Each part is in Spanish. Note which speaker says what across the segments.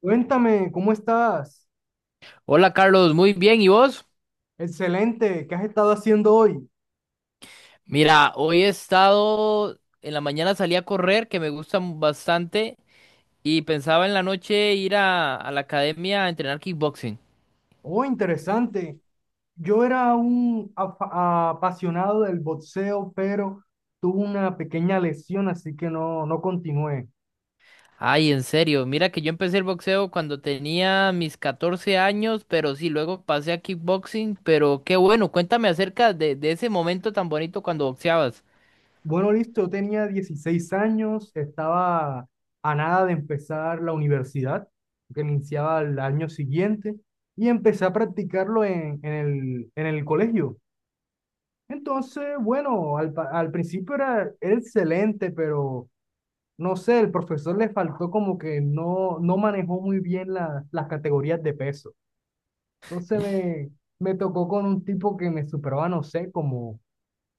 Speaker 1: Cuéntame, ¿cómo estás?
Speaker 2: Hola Carlos, muy bien, ¿y vos?
Speaker 1: Excelente, ¿qué has estado haciendo hoy?
Speaker 2: Mira, hoy he estado, en la mañana salí a correr, que me gusta bastante, y pensaba en la noche ir a la academia a entrenar kickboxing.
Speaker 1: Oh, interesante. Yo era apasionado del boxeo, pero tuve una pequeña lesión, así que no, no continué.
Speaker 2: Ay, en serio, mira que yo empecé el boxeo cuando tenía mis 14 años, pero sí, luego pasé a kickboxing, pero qué bueno, cuéntame acerca de ese momento tan bonito cuando boxeabas.
Speaker 1: Bueno, listo, yo tenía 16 años, estaba a nada de empezar la universidad, que iniciaba el año siguiente, y empecé a practicarlo en el colegio. Entonces, bueno, al principio era excelente, pero no sé, el profesor le faltó como que no, no manejó muy bien las categorías de peso. Entonces me, Me tocó con un tipo que me superaba, no sé, como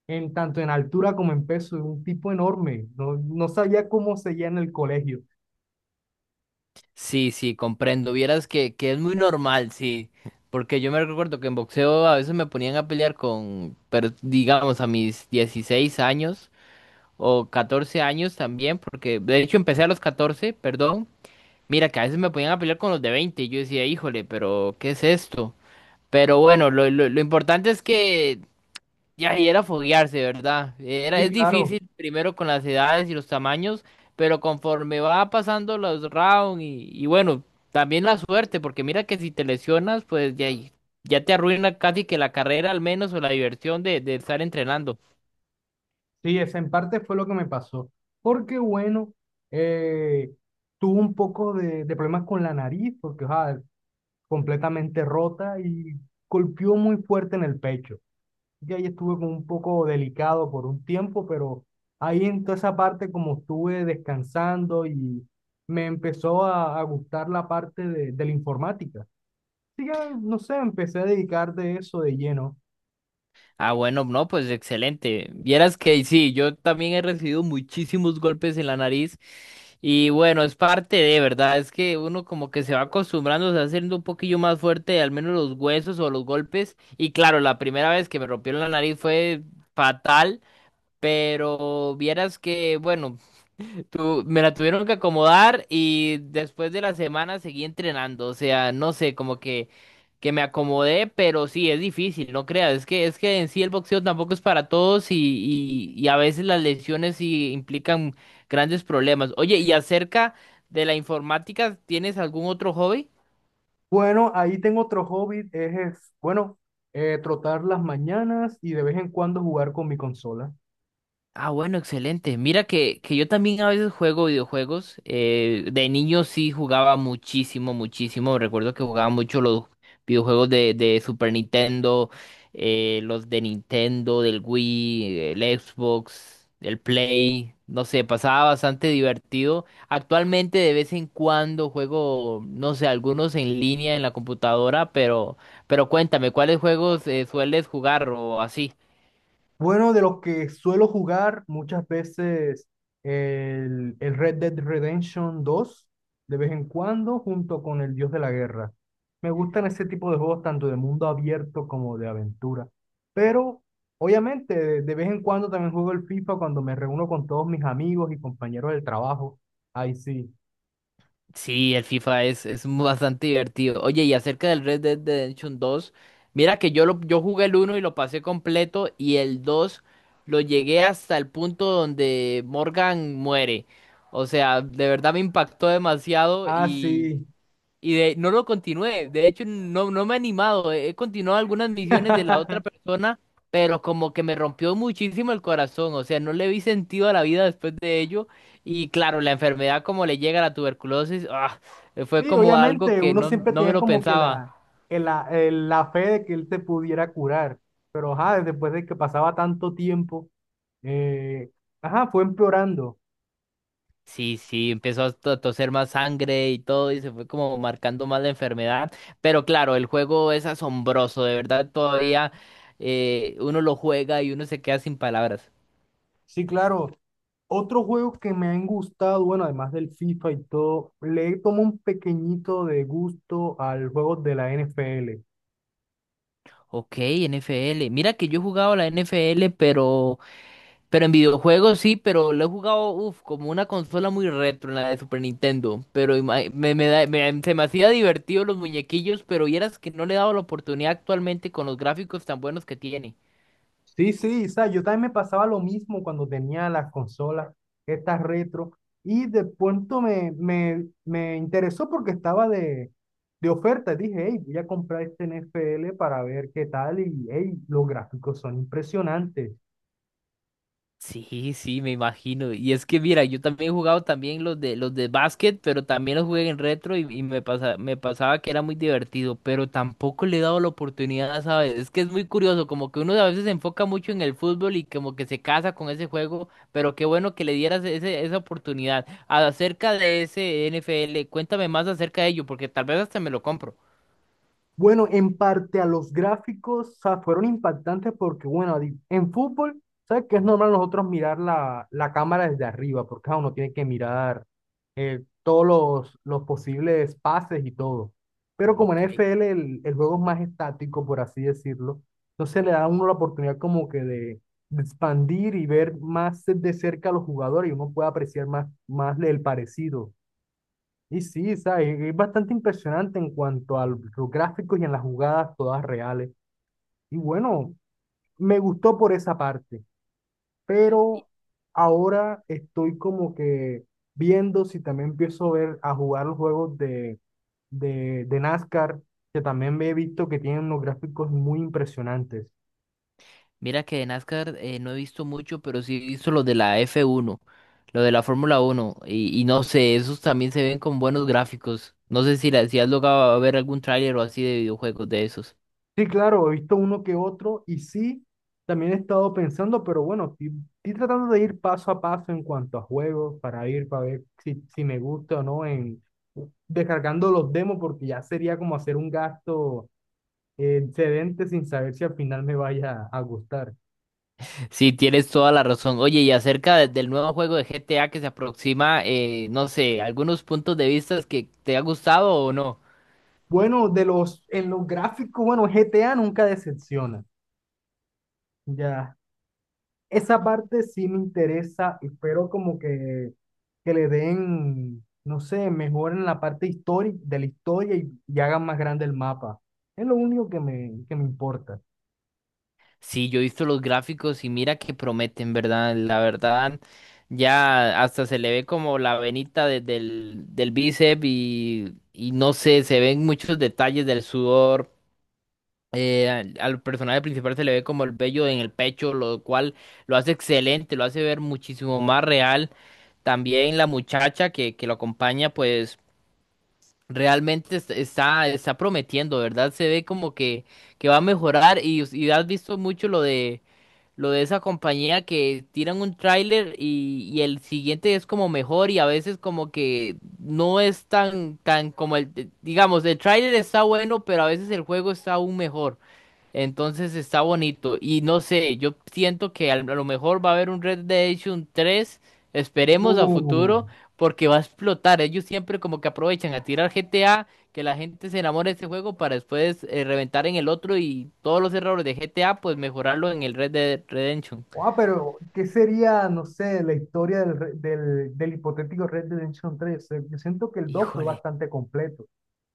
Speaker 1: en tanto en altura como en peso, un tipo enorme. No, no sabía cómo seguía en el colegio.
Speaker 2: Sí, sí, comprendo. Vieras que es muy normal, sí. Porque yo me recuerdo que en boxeo a veces me ponían a pelear con, pero digamos a mis 16 años o 14 años también, porque de hecho empecé a los catorce, perdón. Mira que a veces me ponían a pelear con los de veinte, y yo decía, híjole, pero ¿qué es esto? Pero bueno, lo importante es que ya, y era foguearse, ¿verdad? Era,
Speaker 1: Sí,
Speaker 2: es
Speaker 1: claro,
Speaker 2: difícil primero con las edades y los tamaños, pero conforme va pasando los rounds y bueno, también la suerte, porque mira que si te lesionas, pues ya, ya te arruina casi que la carrera al menos o la diversión de estar entrenando.
Speaker 1: sí, esa en parte fue lo que me pasó. Porque bueno, eh, tuve un poco de problemas con la nariz, porque, o sea, completamente rota y golpeó muy fuerte en el pecho. Yo ahí estuve como un poco delicado por un tiempo, pero ahí en toda esa parte como estuve descansando y me empezó a gustar la parte de la informática. Así que, no sé, empecé a dedicar de eso de lleno.
Speaker 2: Ah, bueno, no, pues excelente. Vieras que sí, yo también he recibido muchísimos golpes en la nariz y bueno, es parte de, ¿verdad? Es que uno como que se va acostumbrando, se va haciendo un poquillo más fuerte, al menos los huesos o los golpes. Y claro, la primera vez que me rompieron la nariz fue fatal, pero vieras que, bueno. Me la tuvieron que acomodar y después de la semana seguí entrenando. O sea, no sé, como que me acomodé, pero sí, es difícil, no creas. Es que en sí el boxeo tampoco es para todos y, y a veces las lesiones sí implican grandes problemas. Oye, y acerca de la informática, ¿tienes algún otro hobby?
Speaker 1: Bueno, ahí tengo otro hobby, bueno, trotar las mañanas y de vez en cuando jugar con mi consola.
Speaker 2: Ah, bueno, excelente. Mira que yo también a veces juego videojuegos. De niño sí jugaba muchísimo, muchísimo. Recuerdo que jugaba mucho los videojuegos de Super Nintendo, los de Nintendo, del Wii, el Xbox, el Play. No sé, pasaba bastante divertido. Actualmente de vez en cuando juego, no sé, algunos en línea en la computadora, pero cuéntame, ¿cuáles juegos sueles jugar o así?
Speaker 1: Bueno, de los que suelo jugar muchas veces el Red Dead Redemption 2 de vez en cuando, junto con el Dios de la Guerra. Me gustan ese tipo de juegos tanto de mundo abierto como de aventura. Pero, obviamente, de vez en cuando también juego el FIFA cuando me reúno con todos mis amigos y compañeros del trabajo. Ahí sí.
Speaker 2: Sí, el FIFA es bastante divertido. Oye, y acerca del Red Dead Redemption 2, mira que yo jugué el uno y lo pasé completo y el 2 lo llegué hasta el punto donde Morgan muere. O sea, de verdad me impactó demasiado
Speaker 1: Ah, sí.
Speaker 2: y de, no lo continué. De hecho, no, no me he animado. He continuado algunas misiones de la otra persona, pero como que me rompió muchísimo el corazón. O sea, no le vi sentido a la vida después de ello. Y claro, la enfermedad como le llega a la tuberculosis, ah, fue
Speaker 1: Sí,
Speaker 2: como algo
Speaker 1: obviamente,
Speaker 2: que
Speaker 1: uno
Speaker 2: no,
Speaker 1: siempre
Speaker 2: no me
Speaker 1: tenía
Speaker 2: lo
Speaker 1: como que
Speaker 2: pensaba.
Speaker 1: la fe de que él te pudiera curar, pero ajá, después de que pasaba tanto tiempo, eh, ajá, fue empeorando.
Speaker 2: Sí, sí, empezó a toser más sangre y todo, y se fue como marcando más la enfermedad. Pero claro, el juego es asombroso, de verdad, todavía uno lo juega y uno se queda sin palabras.
Speaker 1: Sí, claro. Otro juego que me han gustado, bueno, además del FIFA y todo, le tomo un pequeñito de gusto al juego de la NFL.
Speaker 2: Ok, NFL. Mira que yo he jugado la NFL, pero en videojuegos sí, pero lo he jugado, uf, como una consola muy retro, en la de Super Nintendo. Pero se me hacía divertido los muñequillos, pero vieras que no le he dado la oportunidad actualmente con los gráficos tan buenos que tiene.
Speaker 1: Sí, sí, o sea, yo también me pasaba lo mismo cuando tenía las consolas, estas retro, y de pronto me interesó porque estaba de oferta. Dije, hey, voy a comprar este NFL para ver qué tal, y hey, los gráficos son impresionantes.
Speaker 2: Sí, sí, me imagino. Y es que mira, yo también he jugado también los de básquet, pero también los jugué en retro y me pasaba que era muy divertido, pero tampoco le he dado la oportunidad, ¿sabes? Es que es muy curioso, como que uno a veces se enfoca mucho en el fútbol y como que se casa con ese juego, pero qué bueno que le dieras esa oportunidad. Acerca de ese NFL, cuéntame más acerca de ello, porque tal vez hasta me lo compro.
Speaker 1: Bueno, en parte a los gráficos, o sea, fueron impactantes porque, bueno, en fútbol, ¿sabes que es normal nosotros mirar la cámara desde arriba? Porque claro, uno tiene que mirar todos los posibles pases y todo. Pero como en
Speaker 2: Ok.
Speaker 1: NFL el juego es más estático, por así decirlo, entonces le da a uno la oportunidad como que de expandir y ver más de cerca a los jugadores y uno puede apreciar más, más el parecido. Y sí, ¿sabes? Es bastante impresionante en cuanto a los gráficos y en las jugadas todas reales. Y bueno, me gustó por esa parte, pero ahora estoy como que viendo si también empiezo a ver a jugar los juegos de NASCAR, que también me he visto que tienen unos gráficos muy impresionantes.
Speaker 2: Mira que de NASCAR no he visto mucho, pero sí he visto lo de la F1, lo de la Fórmula 1, y no sé, esos también se ven con buenos gráficos. No sé si has logrado a ver algún tráiler o así de videojuegos de esos.
Speaker 1: Sí, claro, he visto uno que otro y sí, también he estado pensando, pero bueno, estoy tratando de ir paso a paso en cuanto a juegos para ir, para ver si me gusta o no, en descargando los demos, porque ya sería como hacer un gasto excedente sin saber si al final me vaya a gustar.
Speaker 2: Sí, tienes toda la razón. Oye, y acerca del nuevo juego de GTA que se aproxima, no sé, algunos puntos de vista que te ha gustado o no.
Speaker 1: Bueno, de los, en los gráficos, bueno, GTA nunca decepciona. Ya esa parte sí me interesa, espero como que le den, no sé, mejoren la parte histórica de la historia y hagan más grande el mapa. Es lo único que me importa.
Speaker 2: Sí, yo he visto los gráficos y mira que prometen, ¿verdad? La verdad, ya hasta se le ve como la venita del bíceps y no sé, se ven muchos detalles del sudor. Al personaje principal se le ve como el vello en el pecho, lo cual lo hace excelente, lo hace ver muchísimo más real. También la muchacha que lo acompaña, pues realmente está prometiendo, ¿verdad? Se ve como que va a mejorar y has visto mucho lo de esa compañía que tiran un tráiler y el siguiente es como mejor y a veces como que no es tan como el, digamos, el tráiler está bueno, pero a veces el juego está aún mejor. Entonces está bonito. Y no sé, yo siento que a lo mejor va a haber un Red Dead Redemption tres. Esperemos a
Speaker 1: Uh,
Speaker 2: futuro, porque va a explotar. Ellos siempre como que aprovechan a tirar GTA, que la gente se enamore de este juego para después reventar en el otro y todos los errores de GTA, pues mejorarlo en el Red Dead Redemption.
Speaker 1: ah, pero ¿qué sería, no sé, la historia del hipotético Red Dead Redemption 3? Yo siento que el 2 fue
Speaker 2: Híjole,
Speaker 1: bastante completo.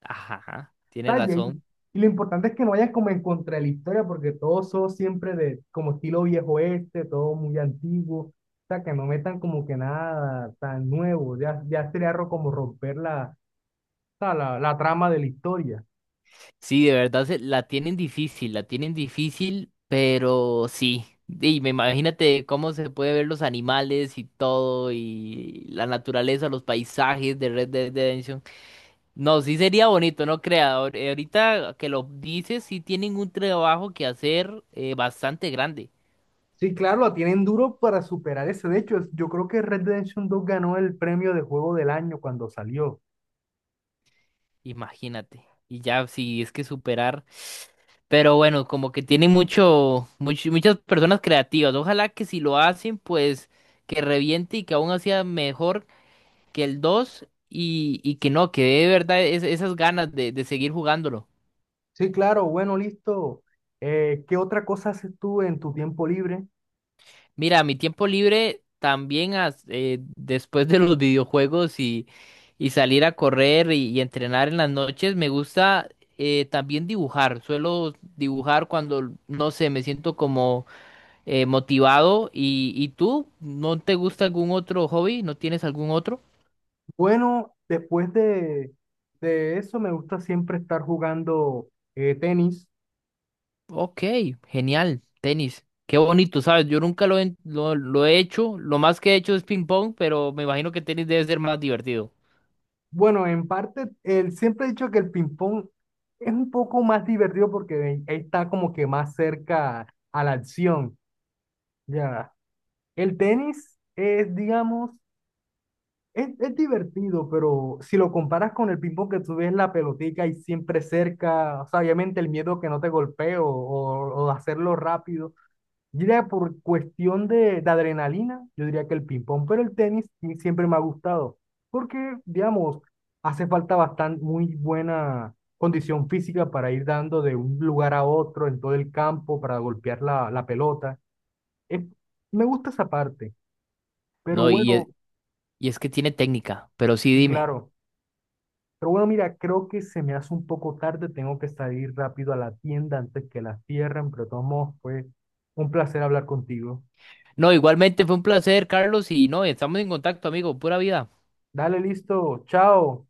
Speaker 2: ajá, tiene
Speaker 1: Detalles.
Speaker 2: razón.
Speaker 1: Y lo importante es que no vayas como en contra de la historia, porque todos son siempre de como estilo viejo este, todo muy antiguo. O sea, que no metan como que nada tan nuevo. Ya, ya sería como romper la, o sea, la trama de la historia.
Speaker 2: Sí, de verdad la tienen difícil, pero sí. Y me imagínate cómo se puede ver los animales y todo, y la naturaleza, los paisajes de Red Dead Redemption. No, sí sería bonito, no crea. Ahorita que lo dices, sí tienen un trabajo que hacer bastante grande.
Speaker 1: Sí, claro, la tienen duro para superar ese. De hecho, yo creo que Red Dead Redemption 2 ganó el premio de juego del año cuando salió.
Speaker 2: Imagínate. Y ya, sí, es que superar. Pero bueno, como que tienen muchas personas creativas. Ojalá que si lo hacen, pues que reviente y que aún hacía mejor que el 2 y que no, que dé de verdad esas ganas de seguir jugándolo.
Speaker 1: Sí, claro, bueno, listo. ¿Qué otra cosa haces tú en tu tiempo libre?
Speaker 2: Mira, a mi tiempo libre también después de los videojuegos y salir a correr y entrenar en las noches, me gusta también dibujar. Suelo dibujar cuando, no sé, me siento como motivado. Y tú? ¿No te gusta algún otro hobby? ¿No tienes algún otro?
Speaker 1: Bueno, después de eso me gusta siempre estar jugando tenis.
Speaker 2: Ok, genial, tenis. Qué bonito, ¿sabes? Yo nunca lo he hecho. Lo más que he hecho es ping pong, pero me imagino que tenis debe ser más divertido.
Speaker 1: Bueno, en parte, siempre he dicho que el ping-pong es un poco más divertido porque está como que más cerca a la acción. Ya, el tenis es, digamos, es divertido, pero si lo comparas con el ping-pong que tú ves la pelotica y siempre cerca, o sea, obviamente el miedo que no te golpee o hacerlo rápido. Yo diría por cuestión de adrenalina, yo diría que el ping-pong, pero el tenis sí siempre me ha gustado, porque, digamos, hace falta bastante, muy buena condición física para ir dando de un lugar a otro en todo el campo, para golpear la pelota. Es- Me gusta esa parte, pero
Speaker 2: No,
Speaker 1: bueno,
Speaker 2: y es que tiene técnica, pero sí
Speaker 1: y
Speaker 2: dime.
Speaker 1: claro, pero bueno, mira, creo que se me hace un poco tarde, tengo que salir rápido a la tienda antes que la cierren, pero de todos modos fue un placer hablar contigo.
Speaker 2: No, igualmente fue un placer, Carlos, y no, estamos en contacto, amigo, pura vida.
Speaker 1: Dale, listo, chao.